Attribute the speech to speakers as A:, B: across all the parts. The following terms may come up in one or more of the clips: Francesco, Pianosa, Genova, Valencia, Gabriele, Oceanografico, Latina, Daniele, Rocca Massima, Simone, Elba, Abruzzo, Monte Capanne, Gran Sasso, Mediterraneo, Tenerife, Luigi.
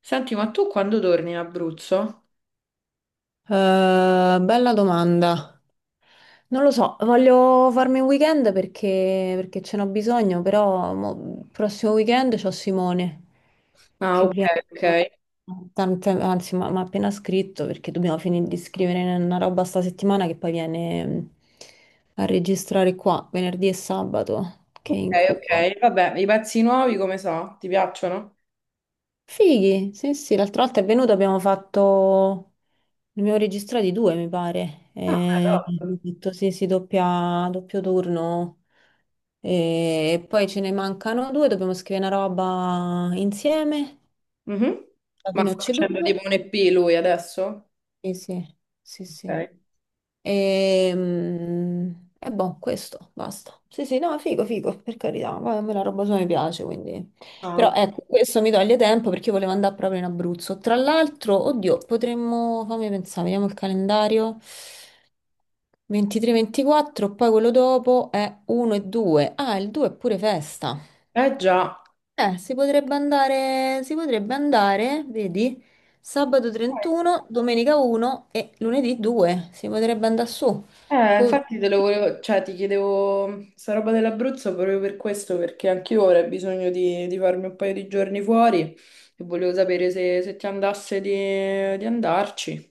A: Senti, ma tu quando torni in Abruzzo?
B: Bella domanda. Non lo so, voglio farmi un weekend perché ce n'ho bisogno, però il prossimo weekend c'ho Simone
A: Ah,
B: che
A: ok,
B: viene,
A: ok.
B: anzi mi ha appena scritto perché dobbiamo finire di scrivere una roba sta settimana che poi viene a registrare qua venerdì e sabato, che
A: Ok,
B: incubo.
A: ok. Vabbè, i pezzi nuovi come so? Ti piacciono?
B: Fighi, sì sì, l'altra volta è venuto, abbiamo fatto. Ne abbiamo registrati due, mi pare.
A: Ah, beh, top.
B: Ho detto sì, sì, doppia, doppio turno. E poi ce ne mancano due, dobbiamo scrivere una roba insieme.
A: Mhm.
B: Alla
A: Ma
B: fine ho
A: sta facendo tipo
B: ceduto.
A: un EP lui adesso?
B: Sì, sì, sì, sì.
A: Ok.
B: E, mm, e boh, questo, basta. Sì, sì, no, figo, figo, per carità. Poi a me la roba sua mi piace, quindi.
A: Ah,
B: Però
A: ok.
B: ecco, questo mi toglie tempo perché io volevo andare proprio in Abruzzo. Tra l'altro, oddio, potremmo. Fammi pensare, vediamo il calendario. 23-24, poi quello dopo è 1 e 2. Ah, il 2 è pure festa.
A: Eh già.
B: Si potrebbe andare, vedi, sabato 31, domenica 1 e lunedì 2. Si potrebbe andare su. Po-
A: Infatti te lo volevo, cioè ti chiedevo sta roba dell'Abruzzo proprio per questo, perché anch'io ora ho bisogno di farmi un paio di giorni fuori e volevo sapere se ti andasse di andarci.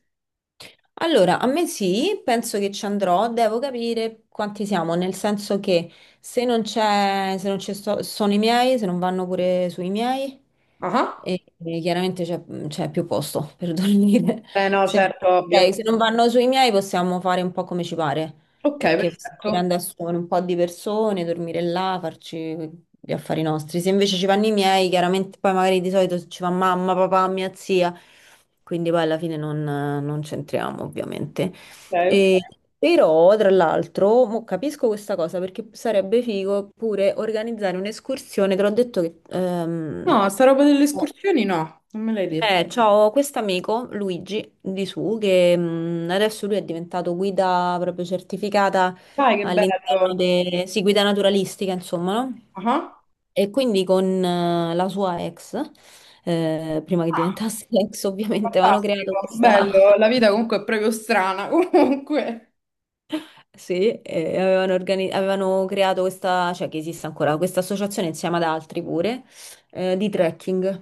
B: Allora, a me sì, penso che ci andrò, devo capire quanti siamo, nel senso che se non c'è, se non ci sto- sono i miei, se non vanno pure sui miei,
A: Ah, ah.
B: e chiaramente c'è più posto per dormire.
A: Eh no,
B: Se,
A: certo, ovvio.
B: ok, se non vanno sui miei possiamo fare un po' come ci pare
A: Ok,
B: perché stiamo
A: perfetto.
B: pure
A: Ok,
B: a assumere un po' di persone, dormire là, farci gli affari nostri. Se invece ci vanno i miei, chiaramente poi magari di solito ci va mamma, papà, mia zia, quindi poi alla fine non c'entriamo ovviamente.
A: ok.
B: E- però, tra l'altro, mo capisco questa cosa perché sarebbe figo pure organizzare un'escursione, te l'ho detto che,
A: No, sta roba delle escursioni no, non me l'hai detto.
B: c'ho questo amico, Luigi, di su, che adesso lui è diventato guida proprio certificata
A: Dai, che
B: all'interno
A: bello.
B: sì, guida naturalistica, insomma, no?
A: Ah,
B: E quindi con la sua ex, prima che
A: ah,
B: diventasse ex ovviamente, avevano creato
A: fantastico,
B: questa.
A: bello. La vita comunque è proprio strana, comunque.
B: Sì, avevano creato questa, cioè che esiste ancora, questa associazione insieme ad altri pure, di trekking.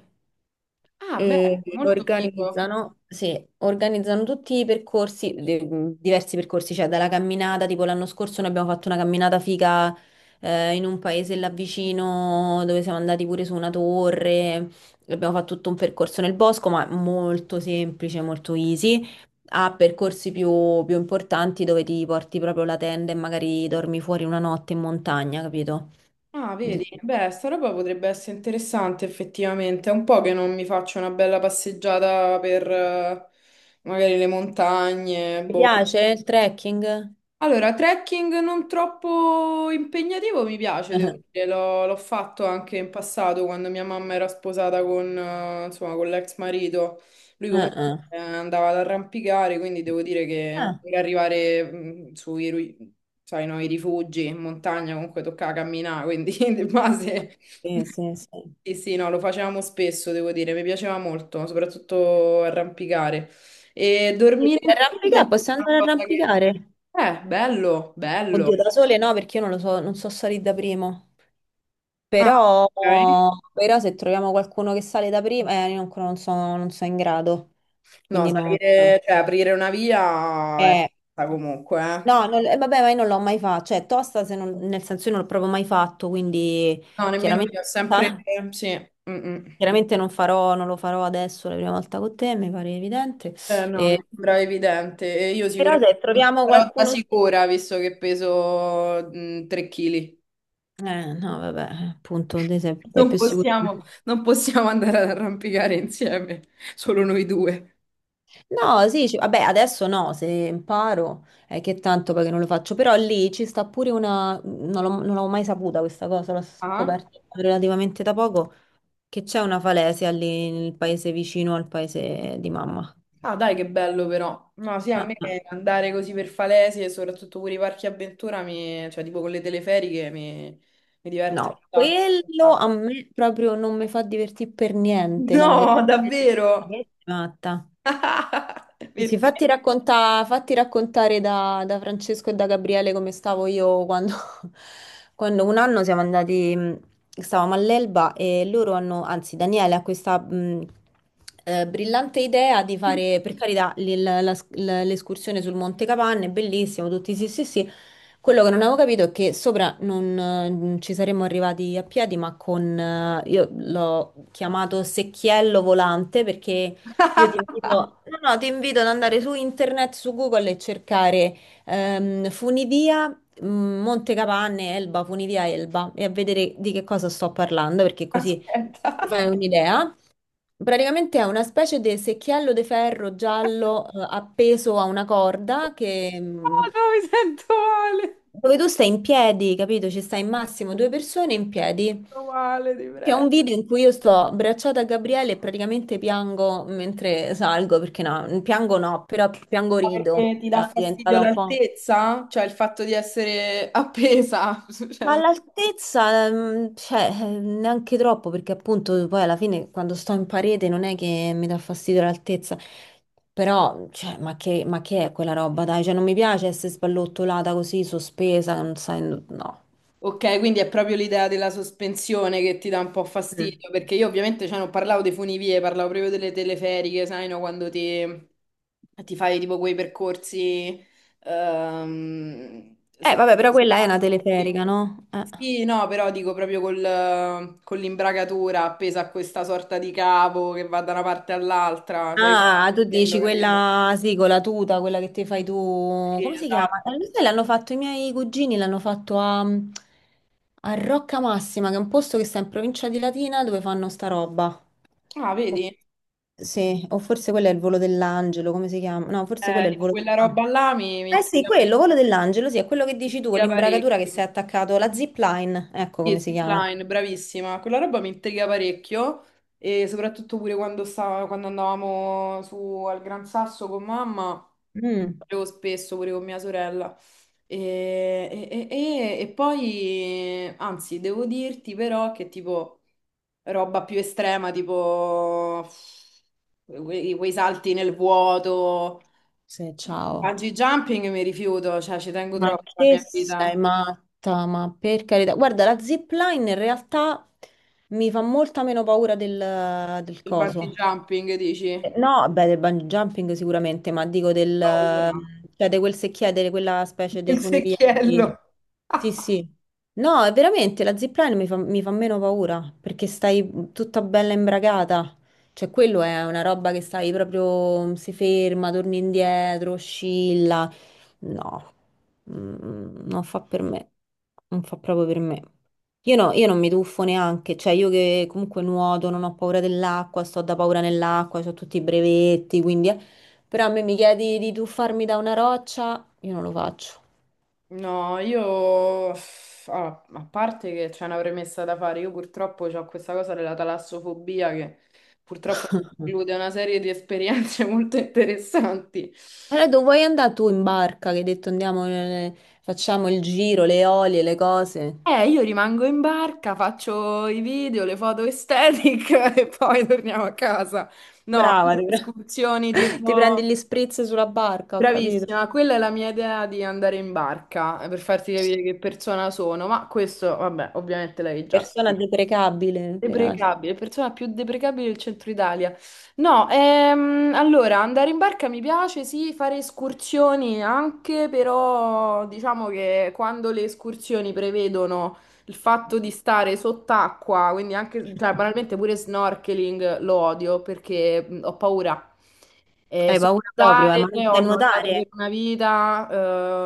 A: Ah, beh,
B: E
A: molto figo.
B: organizzano, sì, organizzano tutti i percorsi, diversi percorsi, cioè dalla camminata, tipo l'anno scorso noi abbiamo fatto una camminata figa in un paese là vicino dove siamo andati pure su una torre, abbiamo fatto tutto un percorso nel bosco, ma molto semplice, molto easy. A percorsi più importanti dove ti porti proprio la tenda e magari dormi fuori una notte in montagna, capito?
A: Ah,
B: Di-
A: vedi, beh, sta roba potrebbe essere interessante effettivamente. È un po' che non mi faccio una bella passeggiata per magari le montagne,
B: Ti
A: boh.
B: piace il trekking?
A: Allora, trekking non troppo impegnativo mi piace, devo dire, l'ho fatto anche in passato quando mia mamma era sposata con, insomma, con l'ex marito. Lui
B: Ah,
A: comunque
B: ah.
A: andava ad arrampicare, quindi devo dire che anche
B: Ah.
A: per arrivare sai, no, i rifugi in montagna comunque toccava camminare, quindi di base
B: Sì, sì, sì.
A: sì, sì, no, lo facevamo spesso, devo dire, mi piaceva molto, soprattutto arrampicare. E
B: Per
A: dormire in tenda è
B: Arrampicare, possiamo
A: una
B: andare a
A: cosa che...
B: arrampicare?
A: Bello,
B: Oddio,
A: bello.
B: da sole no, perché io non lo so, non so salire da primo.
A: Ah,
B: Però,
A: ok.
B: però se troviamo qualcuno che sale da primo, io ancora non sono in grado.
A: No,
B: Quindi no, no.
A: salire, cioè aprire una via è
B: Eh,
A: stata comunque, eh.
B: no, vabbè, ma io non l'ho mai fatto. Cioè, tosta, se non- nel senso io non l'ho proprio mai fatto, quindi
A: No, nemmeno
B: chiaramente,
A: io, ho sempre... Sì, mm, mm.
B: chiaramente non farò, non lo farò adesso la prima volta con te, mi pare evidente.
A: No, mi
B: Eh,
A: sembra evidente. E io
B: però
A: sicuramente
B: se troviamo
A: però da
B: qualcuno su.
A: sicura, visto che peso 3 kg.
B: No, vabbè, appunto, te sei
A: Non
B: più sicuro di
A: possiamo,
B: me.
A: non possiamo andare ad arrampicare insieme, solo noi due.
B: No, sì, vabbè, adesso no, se imparo è che tanto perché non lo faccio, però lì ci sta pure una, non l'ho non l'avevo mai saputa questa cosa, l'ho
A: Ah?
B: scoperta relativamente da poco, che c'è una falesia lì nel paese vicino al paese di mamma.
A: Ah, dai, che bello però. No, sì, a me
B: Ah, ah.
A: andare così per Falesi e soprattutto pure i parchi avventura, cioè tipo con le teleferiche, mi diverte un
B: No, quello
A: sacco.
B: a me proprio non mi fa divertire per niente, la
A: No,
B: telefase
A: davvero?
B: di matta. Sì, sì,
A: Perché?
B: fatti raccontare da Francesco e da Gabriele come stavo io quando, quando un anno siamo andati, stavamo all'Elba e loro hanno, anzi Daniele ha questa brillante idea di fare, per carità, l'escursione sul Monte Capanne, bellissimo, tutti sì sì sì, quello che non avevo capito è che sopra non ci saremmo arrivati a piedi, ma io l'ho chiamato secchiello volante perché io ti invito, no, no, ti invito ad andare su internet, su Google e cercare funivia Monte Capanne, Elba, funivia Elba e a vedere di che cosa sto parlando perché così
A: Aspetta.
B: ti fai un'idea. Praticamente è una specie di secchiello di ferro giallo appeso a una corda che,
A: Oh, no, mi sento male. Mi
B: dove tu stai in piedi, capito? Ci stai in massimo due persone in piedi.
A: sento male, ti
B: C'è
A: prego.
B: un video in cui io sto abbracciata a Gabriele e praticamente piango mentre salgo, perché no, piango no, però piango
A: Ma
B: rido.
A: perché ti dà
B: Era
A: fastidio
B: diventata un po'.
A: l'altezza? Cioè il fatto di essere appesa?
B: Ma
A: Cioè,
B: all'altezza, cioè, neanche troppo, perché appunto poi alla fine quando sto in parete non è che mi dà fastidio l'altezza, però, cioè, ma che è quella roba, dai? Cioè, non mi piace essere sballottolata così, sospesa, non sai. No.
A: ok, quindi è proprio l'idea della sospensione che ti dà un po'
B: Mm.
A: fastidio, perché io ovviamente cioè, non parlavo dei funivie, parlavo proprio delle teleferiche, sai, no? Quando ti fai tipo quei percorsi su...
B: Vabbè, però quella è una
A: Sì.
B: teleferica, no?
A: Sì, no, però dico proprio con l'imbragatura appesa a questa sorta di cavo che va da una parte all'altra, cioè io
B: Ah, tu
A: quello,
B: dici
A: capito?
B: quella, sì, con la tuta, quella che ti fai tu,
A: Sì,
B: come si chiama?
A: esatto.
B: Lo sai, l'hanno fatto i miei cugini, l'hanno fatto a Rocca Massima, che è un posto che sta in provincia di Latina dove fanno sta roba.
A: Ah,
B: O-
A: vedi?
B: sì, o forse quello è il volo dell'angelo, come si chiama? No, forse quello è il
A: Tipo
B: volo
A: quella
B: dell'angelo.
A: roba là mi, mi
B: Eh sì,
A: intriga pare-
B: quello, volo dell'angelo, sì, è quello che
A: mi
B: dici tu, con
A: intriga
B: l'imbragatura che
A: parecchio.
B: sei attaccato, la zipline, ecco
A: Sì,
B: come si chiama.
A: Zipline, bravissima. Quella roba mi intriga parecchio e soprattutto pure quando andavamo su al Gran Sasso con mamma,
B: Mm,
A: facevo spesso pure con mia sorella. E, e poi, anzi, devo dirti però che tipo roba più estrema, tipo quei salti nel vuoto,
B: sì, ciao.
A: bungee jumping mi rifiuto, cioè ci tengo
B: Ma
A: troppo alla
B: che
A: mia
B: sei
A: vita.
B: matta, ma per carità. Guarda, la zipline in realtà mi fa molta meno paura del
A: Il bungee
B: coso.
A: jumping dici?
B: No, beh, del bungee jumping sicuramente, ma dico del,
A: Ho paura.
B: cioè di quel secchiere, di quella specie di
A: Il
B: funivia.
A: secchiello.
B: Sì, sì. No, è veramente, la zipline mi fa meno paura, perché stai tutta bella imbragata. Cioè, quello è una roba che stai proprio, si ferma, torni indietro, oscilla. No, non fa per me. Non fa proprio per me. Io non mi tuffo neanche, cioè io che comunque nuoto, non ho paura dell'acqua, sto da paura nell'acqua, ho tutti i brevetti, quindi. Però a me mi chiedi di tuffarmi da una roccia, io non lo faccio.
A: No, io uff, ah, a parte che c'è una premessa da fare, io purtroppo ho questa cosa della talassofobia che purtroppo mi preclude una serie di esperienze molto interessanti.
B: Allora, dove vuoi andare tu in barca? Che hai detto andiamo, facciamo il giro, le olie, le cose.
A: Io rimango in barca, faccio i video, le foto aesthetic e poi torniamo a casa. No,
B: Brava,
A: io escursioni
B: ti
A: tipo.
B: prendi gli spritz sulla barca, ho capito.
A: Bravissima, quella è la mia idea di andare in barca per farti capire che persona sono, ma questo, vabbè, ovviamente l'avevi già
B: Persona
A: capito.
B: deprecabile, peraltro.
A: Deprecabile, persona più deprecabile del centro Italia. No, allora andare in barca mi piace, sì, fare escursioni anche, però diciamo che quando le escursioni prevedono il fatto di stare sott'acqua, quindi anche, cioè, banalmente pure snorkeling lo odio perché ho paura.
B: Hai
A: So
B: paura proprio,
A: nuotare,
B: ma non
A: ho
B: sai
A: nuotato per
B: nuotare?
A: una vita,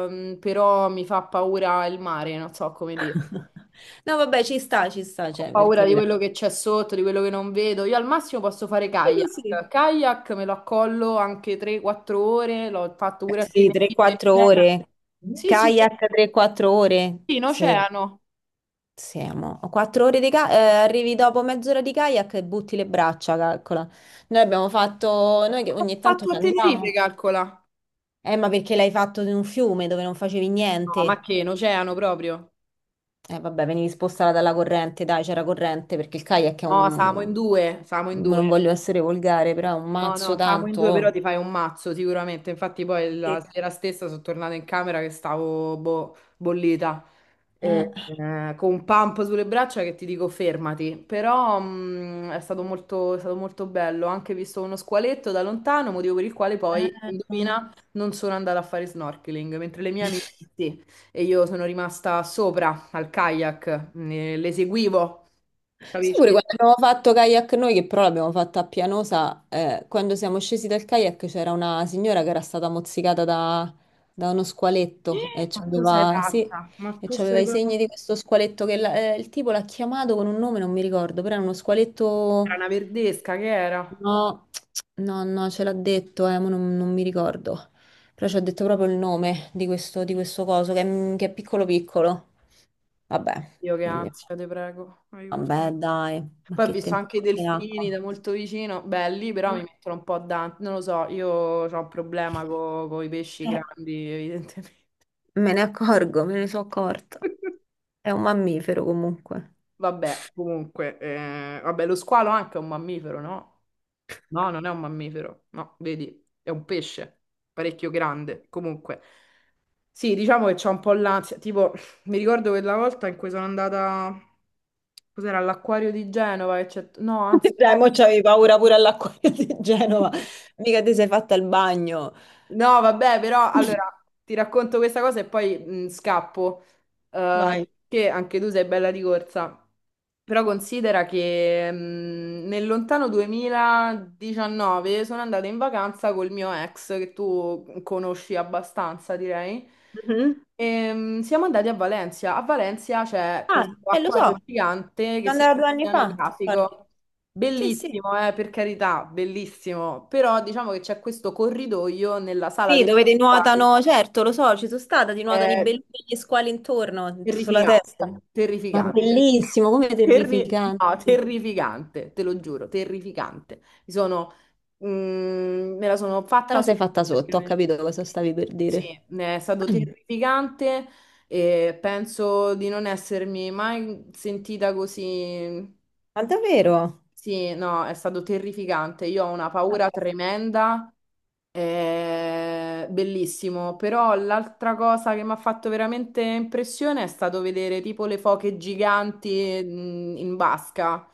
A: però mi fa paura il mare, non so come dire.
B: No, vabbè, ci sta,
A: Ho
B: cioè, per
A: paura di
B: carità.
A: quello che c'è sotto, di quello che non vedo. Io al massimo posso fare
B: Sì, così.
A: kayak. Kayak me lo accollo anche 3-4 ore, l'ho fatto pure a
B: Sì,
A: Tenerife, in
B: 3-4
A: oceano.
B: ore. Mhm.
A: Sì, sì,
B: Kayak 3-4 ore.
A: sì, in
B: Sì,
A: oceano.
B: sì, amo. 4 ore di kayak, arrivi dopo mezz'ora di kayak e butti le braccia, calcola. Noi abbiamo fatto, noi che
A: L'ho
B: ogni tanto
A: fatto
B: ci
A: a Tenerife,
B: andiamo.
A: calcola.
B: Ma perché l'hai fatto in un fiume dove non facevi
A: No, ma
B: niente?
A: che, in oceano proprio?
B: Vabbè, venivi spostata dalla corrente, dai, c'era corrente, perché il kayak è
A: No, siamo in
B: un.
A: due, siamo in
B: Non
A: due.
B: voglio essere volgare, però è un
A: No,
B: mazzo
A: no, stavamo in
B: tanto.
A: due, però
B: Oh.
A: ti fai un mazzo sicuramente. Infatti, poi
B: Sì.
A: la sera stessa sono tornata in camera che stavo boh, bollita.
B: Eh,
A: Con un pump sulle braccia che ti dico fermati. Però è stato molto bello. Ho anche visto uno squaletto da lontano, motivo per il quale
B: eh,
A: poi,
B: no.
A: indovina, non sono andata a fare snorkeling, mentre le mie amiche sì. E io sono rimasta sopra al kayak, le seguivo,
B: Sai pure
A: capisci?
B: quando abbiamo fatto kayak noi, che però l'abbiamo fatta a Pianosa, quando siamo scesi dal kayak c'era una signora che era stata mozzicata da uno squaletto e
A: Ma tu sei
B: c'aveva, sì,
A: pazza, ma
B: e
A: tu
B: c'aveva
A: sei
B: i
A: pazza.
B: segni di questo squaletto che il tipo l'ha chiamato con un nome, non mi ricordo, però era uno
A: Era
B: squaletto.
A: una verdesca che era.
B: No, no, no, ce l'ha detto, ma non mi ricordo. Però ci ha detto proprio il nome di questo, coso, che è piccolo piccolo. Vabbè,
A: Io che
B: quindi.
A: ansia, te prego, aiuto.
B: Vabbè, dai, ma
A: Poi ho
B: che
A: visto
B: tempo
A: anche i
B: è
A: delfini
B: acqua.
A: da molto vicino, belli, però mi
B: Eh,
A: mettono un po' a dante. Non lo so, io ho un problema con i pesci grandi, evidentemente.
B: me ne accorgo, me ne sono accorta. È un mammifero comunque.
A: Vabbè, comunque, vabbè, lo squalo anche è un mammifero, no? No, non è un mammifero, no, vedi, è un pesce, parecchio grande. Comunque, sì, diciamo che c'ho un po' l'ansia. Tipo, mi ricordo quella volta in cui sono andata, cos'era, all'acquario di Genova, no, anzi,
B: Dai,
A: eh,
B: mo c'avevi paura pure all'acquario di Genova. Mica ti sei fatta il bagno.
A: No, vabbè, però allora ti racconto questa cosa e poi scappo. Eh,
B: Vai.
A: che anche tu sei bella di corsa. Però considera che nel lontano 2019 sono andata in vacanza col mio ex, che tu conosci abbastanza, direi.
B: Mhm.
A: Siamo andati a Valencia. A Valencia c'è
B: Ah,
A: questo
B: e lo so,
A: acquario
B: ci
A: gigante che si
B: andavo
A: chiama
B: 2 anni fa, ti ricordi?
A: Oceanografico.
B: Sì, sì.
A: Bellissimo, per carità, bellissimo. Però diciamo che c'è questo corridoio nella sala
B: Sì,
A: degli
B: dove ti
A: squali.
B: nuotano, certo, lo so, ci sono stata, ti nuotano i
A: È
B: belli e gli squali intorno, sulla testa.
A: terrificante,
B: Ma
A: terrificante.
B: bellissimo, come terrificante.
A: No,
B: Te
A: terrificante, te lo giuro, terrificante. Me la sono fatta
B: la sei
A: sopra,
B: fatta sotto, ho
A: praticamente.
B: capito cosa stavi per
A: Sì,
B: dire.
A: è stato
B: Ah,
A: terrificante e penso di non essermi mai sentita così
B: ma davvero?
A: sì, no, è stato terrificante. Io ho una paura tremenda, bellissimo. Però l'altra cosa che mi ha fatto veramente impressione è stato vedere tipo le foche giganti, in basca.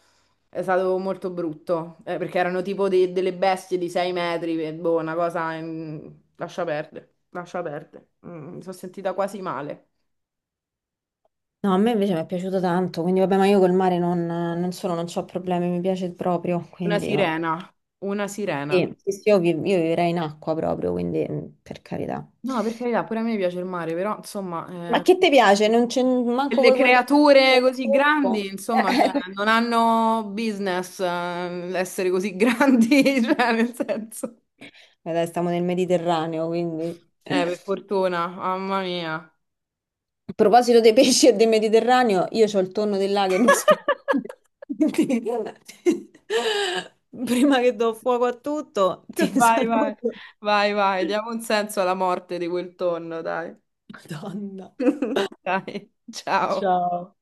A: È stato molto brutto, perché erano tipo delle bestie di 6 metri, e boh, una cosa... Lascia perdere, lascia perdere. Mi sono sentita quasi male.
B: No, a me invece mi è piaciuto tanto, quindi vabbè, ma io col mare non solo non ho problemi, mi piace proprio,
A: Una
B: quindi vabbè.
A: sirena, una sirena.
B: Sì, sì, sì, io vivrei in acqua proprio, quindi per carità.
A: No, per carità, pure a me piace il mare, però insomma...
B: Ma che ti piace? Non c'è manco
A: Delle
B: vuoi guardare
A: creature
B: il
A: così grandi,
B: tempo?
A: insomma, cioè, non hanno business essere così grandi, cioè, nel senso.
B: Dai, stiamo nel Mediterraneo, quindi. A
A: Per fortuna, mamma mia.
B: proposito dei pesci e del Mediterraneo, io ho il tonno del lago che mi aspetta. Quindi, prima che do fuoco a tutto, ti
A: Vai, vai,
B: saluto.
A: vai, vai, diamo un senso alla morte di quel tonno, dai.
B: Madonna.
A: Dai, ciao.
B: Ciao.